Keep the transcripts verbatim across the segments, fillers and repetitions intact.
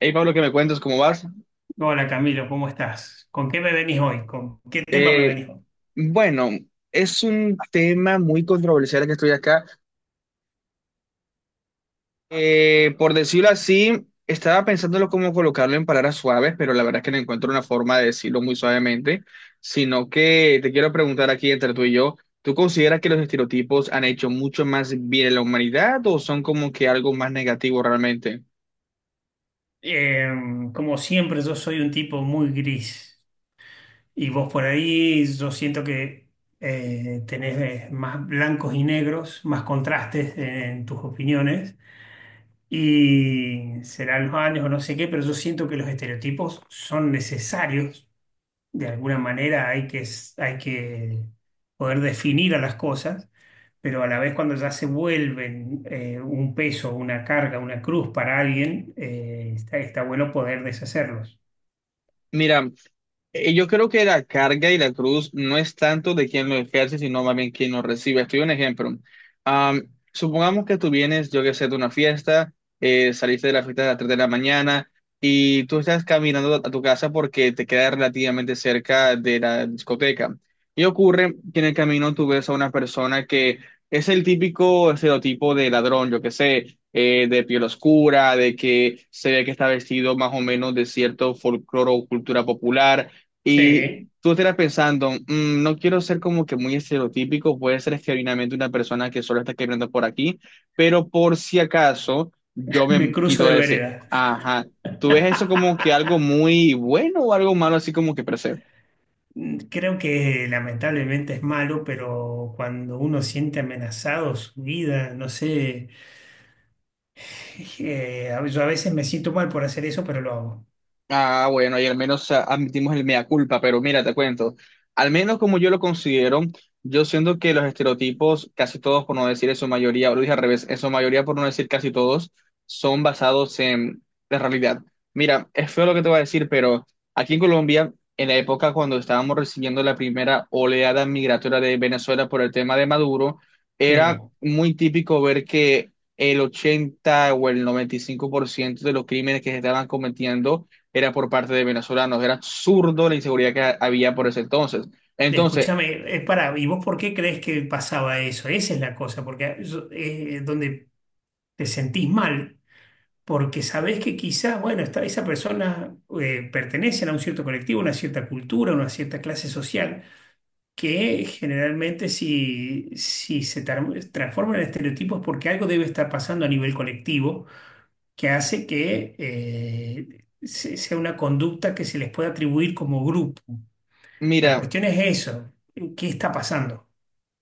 Hey Pablo, ¿qué me cuentas? ¿Cómo vas? Hola Camilo, ¿cómo estás? ¿Con qué me venís hoy? ¿Con qué tema me Eh, venís hoy? bueno, es un tema muy controversial que estoy acá. Eh, por decirlo así, estaba pensándolo cómo colocarlo en palabras suaves, pero la verdad es que no encuentro una forma de decirlo muy suavemente, sino que te quiero preguntar aquí entre tú y yo, ¿tú consideras que los estereotipos han hecho mucho más bien a la humanidad o son como que algo más negativo realmente? Eh, Como siempre, yo soy un tipo muy gris y vos por ahí yo siento que eh, tenés eh, más blancos y negros, más contrastes en tus opiniones, y serán los años o no sé qué, pero yo siento que los estereotipos son necesarios. De alguna manera hay que, s- hay que poder definir a las cosas, pero a la vez cuando ya se vuelven eh, un peso, una carga, una cruz para alguien, eh, está, está bueno poder deshacerlos. Mira, Eh, yo creo que la carga y la cruz no es tanto de quien lo ejerce, sino más bien quien lo recibe. Estoy un ejemplo. Am, supongamos que tú vienes, yo que sé, de una fiesta, eh, saliste de la fiesta a las tres de la mañana y tú estás caminando a tu casa porque te queda relativamente cerca de la discoteca. Y ocurre que en el camino tú ves a una persona que es el típico estereotipo de ladrón, yo que sé, eh, de piel oscura, de que se ve que está vestido más o menos de cierto folclore o cultura popular, y Sí. tú estarás pensando, "Mm, no quiero ser como que muy estereotípico, puede ser genuinamente una persona que solo está escribiendo por aquí, pero por si acaso yo Me me cruzo quito de de ese." vereda. Ajá. ¿Tú ves eso como que algo muy bueno o algo malo así como que percibes? Creo que lamentablemente es malo, pero cuando uno siente amenazado su vida, no sé. Eh, a- yo a veces me siento mal por hacer eso, pero lo hago. Ah, bueno, y al menos ah, admitimos el mea culpa, pero mira, te cuento, al menos como yo lo considero, yo siento que los estereotipos, casi todos por no decir en su mayoría, o lo dije al revés, en su mayoría por no decir casi todos, son basados en la realidad. Mira, es feo lo que te voy a decir, pero aquí en Colombia, en la época cuando estábamos recibiendo la primera oleada migratoria de Venezuela por el tema de Maduro, Sí. era muy típico ver que el ochenta o el noventa y cinco por ciento de los crímenes que se estaban cometiendo era por parte de venezolanos, era absurdo la inseguridad que ha- había por ese entonces. Entonces, Escúchame, eh, pará, ¿y vos por qué crees que pasaba eso? Esa es la cosa, porque yo- eh, donde te sentís mal, porque sabés que quizás, bueno, esta- esa persona eh, pertenece a un cierto colectivo, una cierta cultura, una cierta clase social, que generalmente si, si se tar- transforma en estereotipos es porque algo debe estar pasando a nivel colectivo, que hace que eh, se- sea una conducta que se les pueda atribuir como grupo. La mira, cuestión es eso, ¿qué está pasando?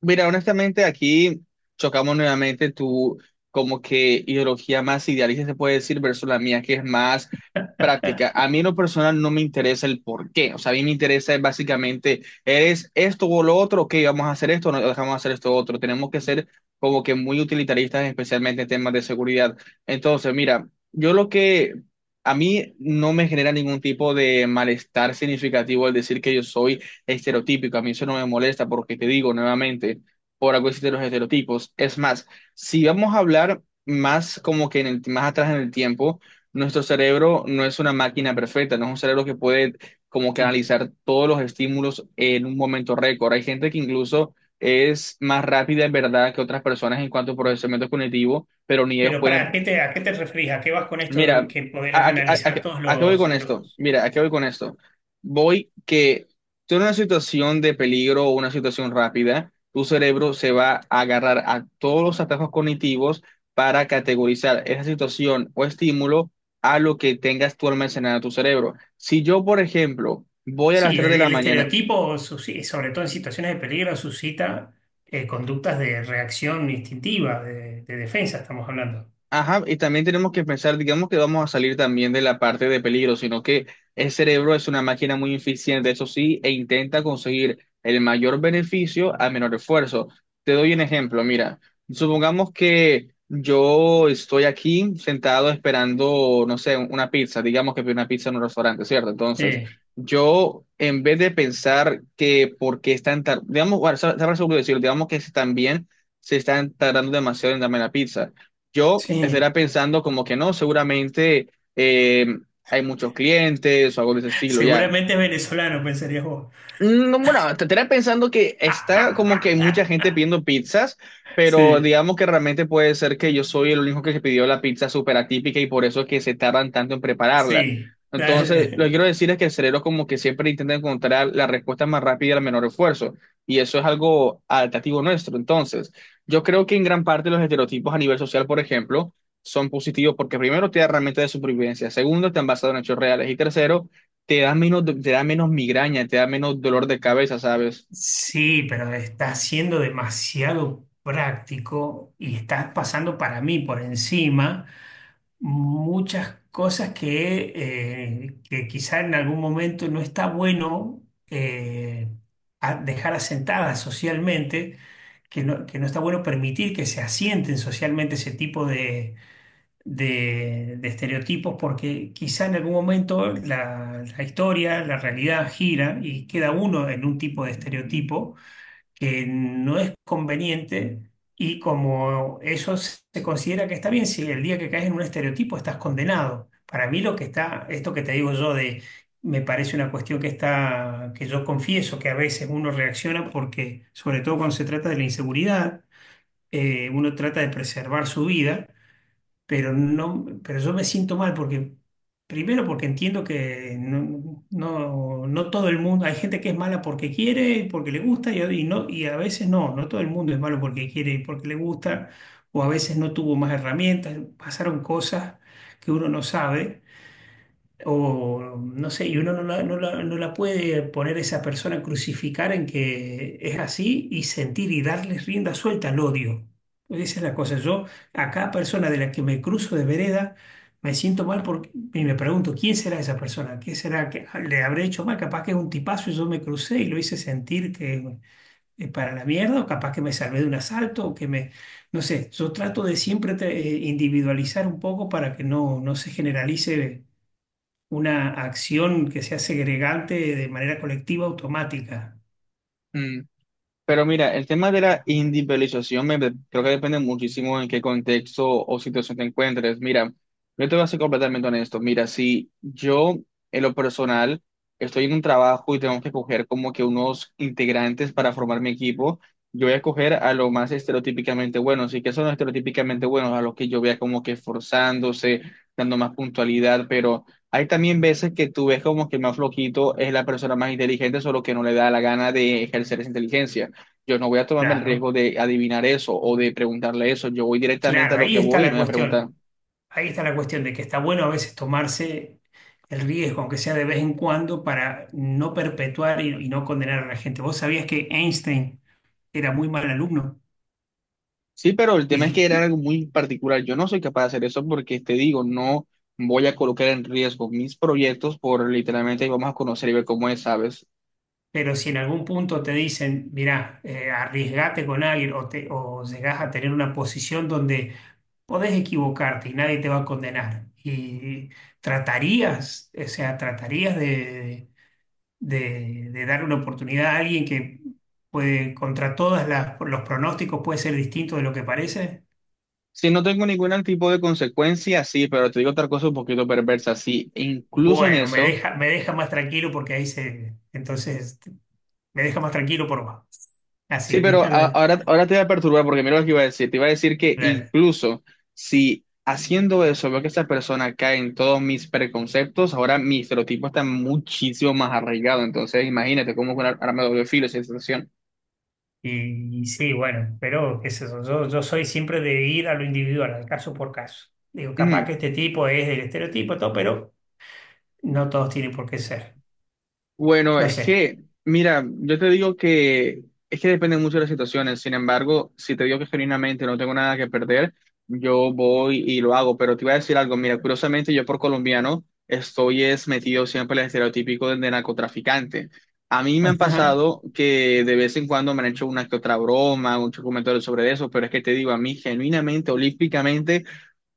mira, honestamente aquí chocamos nuevamente tu como que ideología más idealista se puede decir versus la mía que es más práctica. A mí en lo personal no me interesa el por qué, o sea, a mí me interesa es básicamente, ¿eres esto o lo otro? Ok, vamos a hacer esto no dejamos de hacer esto otro. Tenemos que ser como que muy utilitaristas, especialmente en temas de seguridad. Entonces, mira, yo lo que... A mí no me genera ningún tipo de malestar significativo el decir que yo soy estereotípico. A mí eso no me molesta porque te digo nuevamente, por algo existen los estereotipos. Es más, si vamos a hablar más como que en el, más atrás en el tiempo, nuestro cerebro no es una máquina perfecta, no es un cerebro que puede como que analizar todos los estímulos en un momento récord. Hay gente que incluso es más rápida en verdad que otras personas en cuanto a procesamiento cognitivo, pero ni ellos Pero para, pueden. ¿qué te, ¿a qué te referís? ¿A qué vas con esto Mira, que ¿a, a, podrás a- a- analizar todos a qué voy los, con esto? los... Mira, ¿a qué voy con esto? Voy que tú en una situación de peligro o una situación rápida, tu cerebro se va a agarrar a todos los atajos cognitivos para categorizar esa situación o estímulo a lo que tengas tú almacenado en tu cerebro. Si yo, por ejemplo, voy a las Sí, tres el, de la el mañana, estereotipo, susci- sobre todo en situaciones de peligro, suscita eh, conductas de reacción instintiva, de, de defensa, estamos hablando. ajá, y también tenemos que pensar, digamos que vamos a salir también de la parte de peligro, sino que el cerebro es una máquina muy eficiente, eso sí, e intenta conseguir el mayor beneficio a menor esfuerzo. Te doy un ejemplo, mira, supongamos que yo estoy aquí sentado esperando, no sé, una pizza, digamos que pedí una pizza en un restaurante, ¿cierto? Entonces, Sí, yo en vez de pensar que por qué están tardando, digamos, bueno, sabrás seguro decirlo, digamos que también se están tardando demasiado en darme la pizza, yo estaría sí. pensando como que no, seguramente eh, hay muchos clientes o algo de ese estilo, ya. Seguramente es venezolano, pensarías vos. No, bueno, te tenía pensando que está como que hay mucha gente pidiendo pizzas, pero Sí, digamos que realmente puede ser que yo soy el único que pidió la pizza súper atípica y por eso es que se tardan tanto en prepararla. sí. Entonces, lo que Dale. quiero decir es que el cerebro como que siempre intenta encontrar la respuesta más rápida al menor esfuerzo, y eso es algo adaptativo nuestro. Entonces, yo creo que en gran parte los estereotipos a nivel social, por ejemplo, son positivos porque primero te da herramientas de supervivencia, segundo, te han basado en hechos reales y tercero, te da menos, te da menos migraña, te da menos dolor de cabeza, ¿sabes? Sí, pero está siendo demasiado práctico y estás pasando para mí por encima, muchas cosas que, eh, que quizá en algún momento no está bueno, eh, a- dejar asentadas socialmente, que no, que no está bueno permitir que se asienten socialmente ese tipo de, de- de estereotipos, porque quizá en algún momento la, la historia, la realidad gira y queda uno en un tipo de estereotipo que no es conveniente, y como eso se se considera que está bien, si el día que caes en un estereotipo estás condenado. Para mí lo que está, esto que te digo yo, de, me parece una cuestión que está, que yo confieso que a veces uno reacciona porque, sobre todo cuando se trata de la inseguridad, eh, uno trata de preservar su vida, pero no, pero yo me siento mal porque, primero porque entiendo que no, no, no todo el mundo, hay gente que es mala porque quiere, porque le gusta, y, y no, y a veces no, no todo el mundo es malo porque quiere y porque le gusta, o a veces no tuvo más herramientas, pasaron cosas que uno no sabe. O no sé, y uno no la, no la- no la puede poner, a esa persona, a crucificar en que es así y sentir y darles rienda suelta al odio. Esa es la cosa. Yo, a cada persona de la que me cruzo de vereda, me siento mal porque, y me pregunto, ¿quién será esa persona? ¿Qué será que le habré hecho mal? Capaz que es un tipazo y yo me crucé y lo hice sentir que es para la mierda, o capaz que me salvé de un asalto, o que me, no sé. Yo trato de siempre te- eh, individualizar un poco para que no, no se generalice una acción que sea segregante de manera colectiva automática. Mm. Pero mira, el tema de la individualización me, creo que depende muchísimo en qué contexto o situación te encuentres. Mira, yo te voy a ser completamente honesto. Mira, si yo en lo personal estoy en un trabajo y tengo que coger como que unos integrantes para formar mi equipo, yo voy a coger a lo más estereotípicamente buenos. ¿Y que son los estereotípicamente buenos? A los que yo vea como que esforzándose, dando más puntualidad, pero... Hay también veces que tú ves como que el más flojito es la persona más inteligente, solo que no le da la gana de ejercer esa inteligencia. Yo no voy a tomarme el Claro, riesgo de adivinar eso o de preguntarle eso. Yo voy directamente a claro, lo ahí que está voy y no la voy a preguntar. cuestión. Ahí está la cuestión de que está bueno a veces tomarse el riesgo, aunque sea de vez en cuando, para no perpetuar y, y no condenar a la gente. ¿Vos sabías que Einstein era muy mal alumno? Sí, pero el tema es que era Y, algo muy particular. Yo no soy capaz de hacer eso porque te digo, no voy a colocar en riesgo mis proyectos por literalmente vamos a conocer y ver cómo es, ¿sabes? pero si en algún punto te dicen, mirá, eh, arriesgate con alguien o, te, o llegás a tener una posición donde podés equivocarte y nadie te va a condenar. Y tratarías, o sea, tratarías de, de- de dar una oportunidad a alguien que puede, contra todos los pronósticos, puede ser distinto de lo que parece. Si no tengo ningún tipo de consecuencia, sí, pero te digo otra cosa un poquito perversa. Sí, e incluso en Bueno, me eso. deja, me deja más tranquilo porque ahí se, entonces, me deja más tranquilo por vos. Así, Sí, pero déjalo a- ahí. ahora, ahora te voy a perturbar porque mira lo que iba a decir. Te iba a decir que Claro. incluso si haciendo eso veo que esa persona cae en todos mis preconceptos, ahora mi estereotipo está muchísimo más arraigado. Entonces, imagínate cómo que ahora ahora me doble filo esa situación. Y, y sí, bueno, pero qué sé yo, yo, yo soy siempre de ir a lo individual, al caso por caso. Digo, capaz que este tipo es del estereotipo, todo, pero no todos tienen por qué ser. Bueno, No es sé. que, mira, yo te digo que es que depende mucho de las situaciones. Sin embargo, si te digo que genuinamente no tengo nada que perder, yo voy y lo hago. Pero te iba a decir algo, mira, curiosamente yo por colombiano estoy es metido siempre en el estereotipo de, de narcotraficante. A mí me han Ajá, pasado que de vez en cuando me han hecho una que otra broma, un comentario sobre eso, pero es que te digo, a mí genuinamente, olímpicamente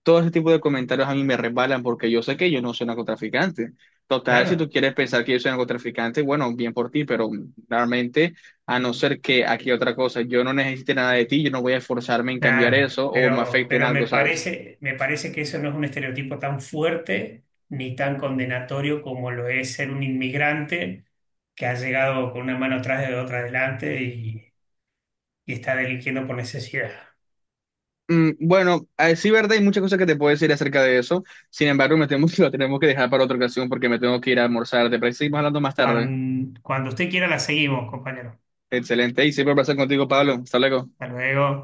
todo ese tipo de comentarios a mí me resbalan porque yo sé que yo no soy narcotraficante. Total, si tú claro, quieres pensar que yo soy narcotraficante, bueno, bien por ti, pero realmente, a no ser que aquí otra cosa, yo no necesite nada de ti, yo no voy a esforzarme en cambiar claro. eso o me Pero, afecte en pero me algo, ¿sabes? parece, me parece que eso no es un estereotipo tan fuerte ni tan condenatorio como lo es ser un inmigrante que ha llegado con una mano atrás de otra adelante y, y está delinquiendo por necesidad. Mm, bueno, eh, sí, verdad, hay muchas cosas que te puedo decir acerca de eso. Sin embargo, me temo que lo tenemos que dejar para otra ocasión porque me tengo que ir a almorzar. ¿Te parece que seguimos hablando más tarde? Cuan- Cuando usted quiera, la seguimos, compañero. Excelente, y siempre un placer contigo, Pablo. Hasta luego. Hasta luego.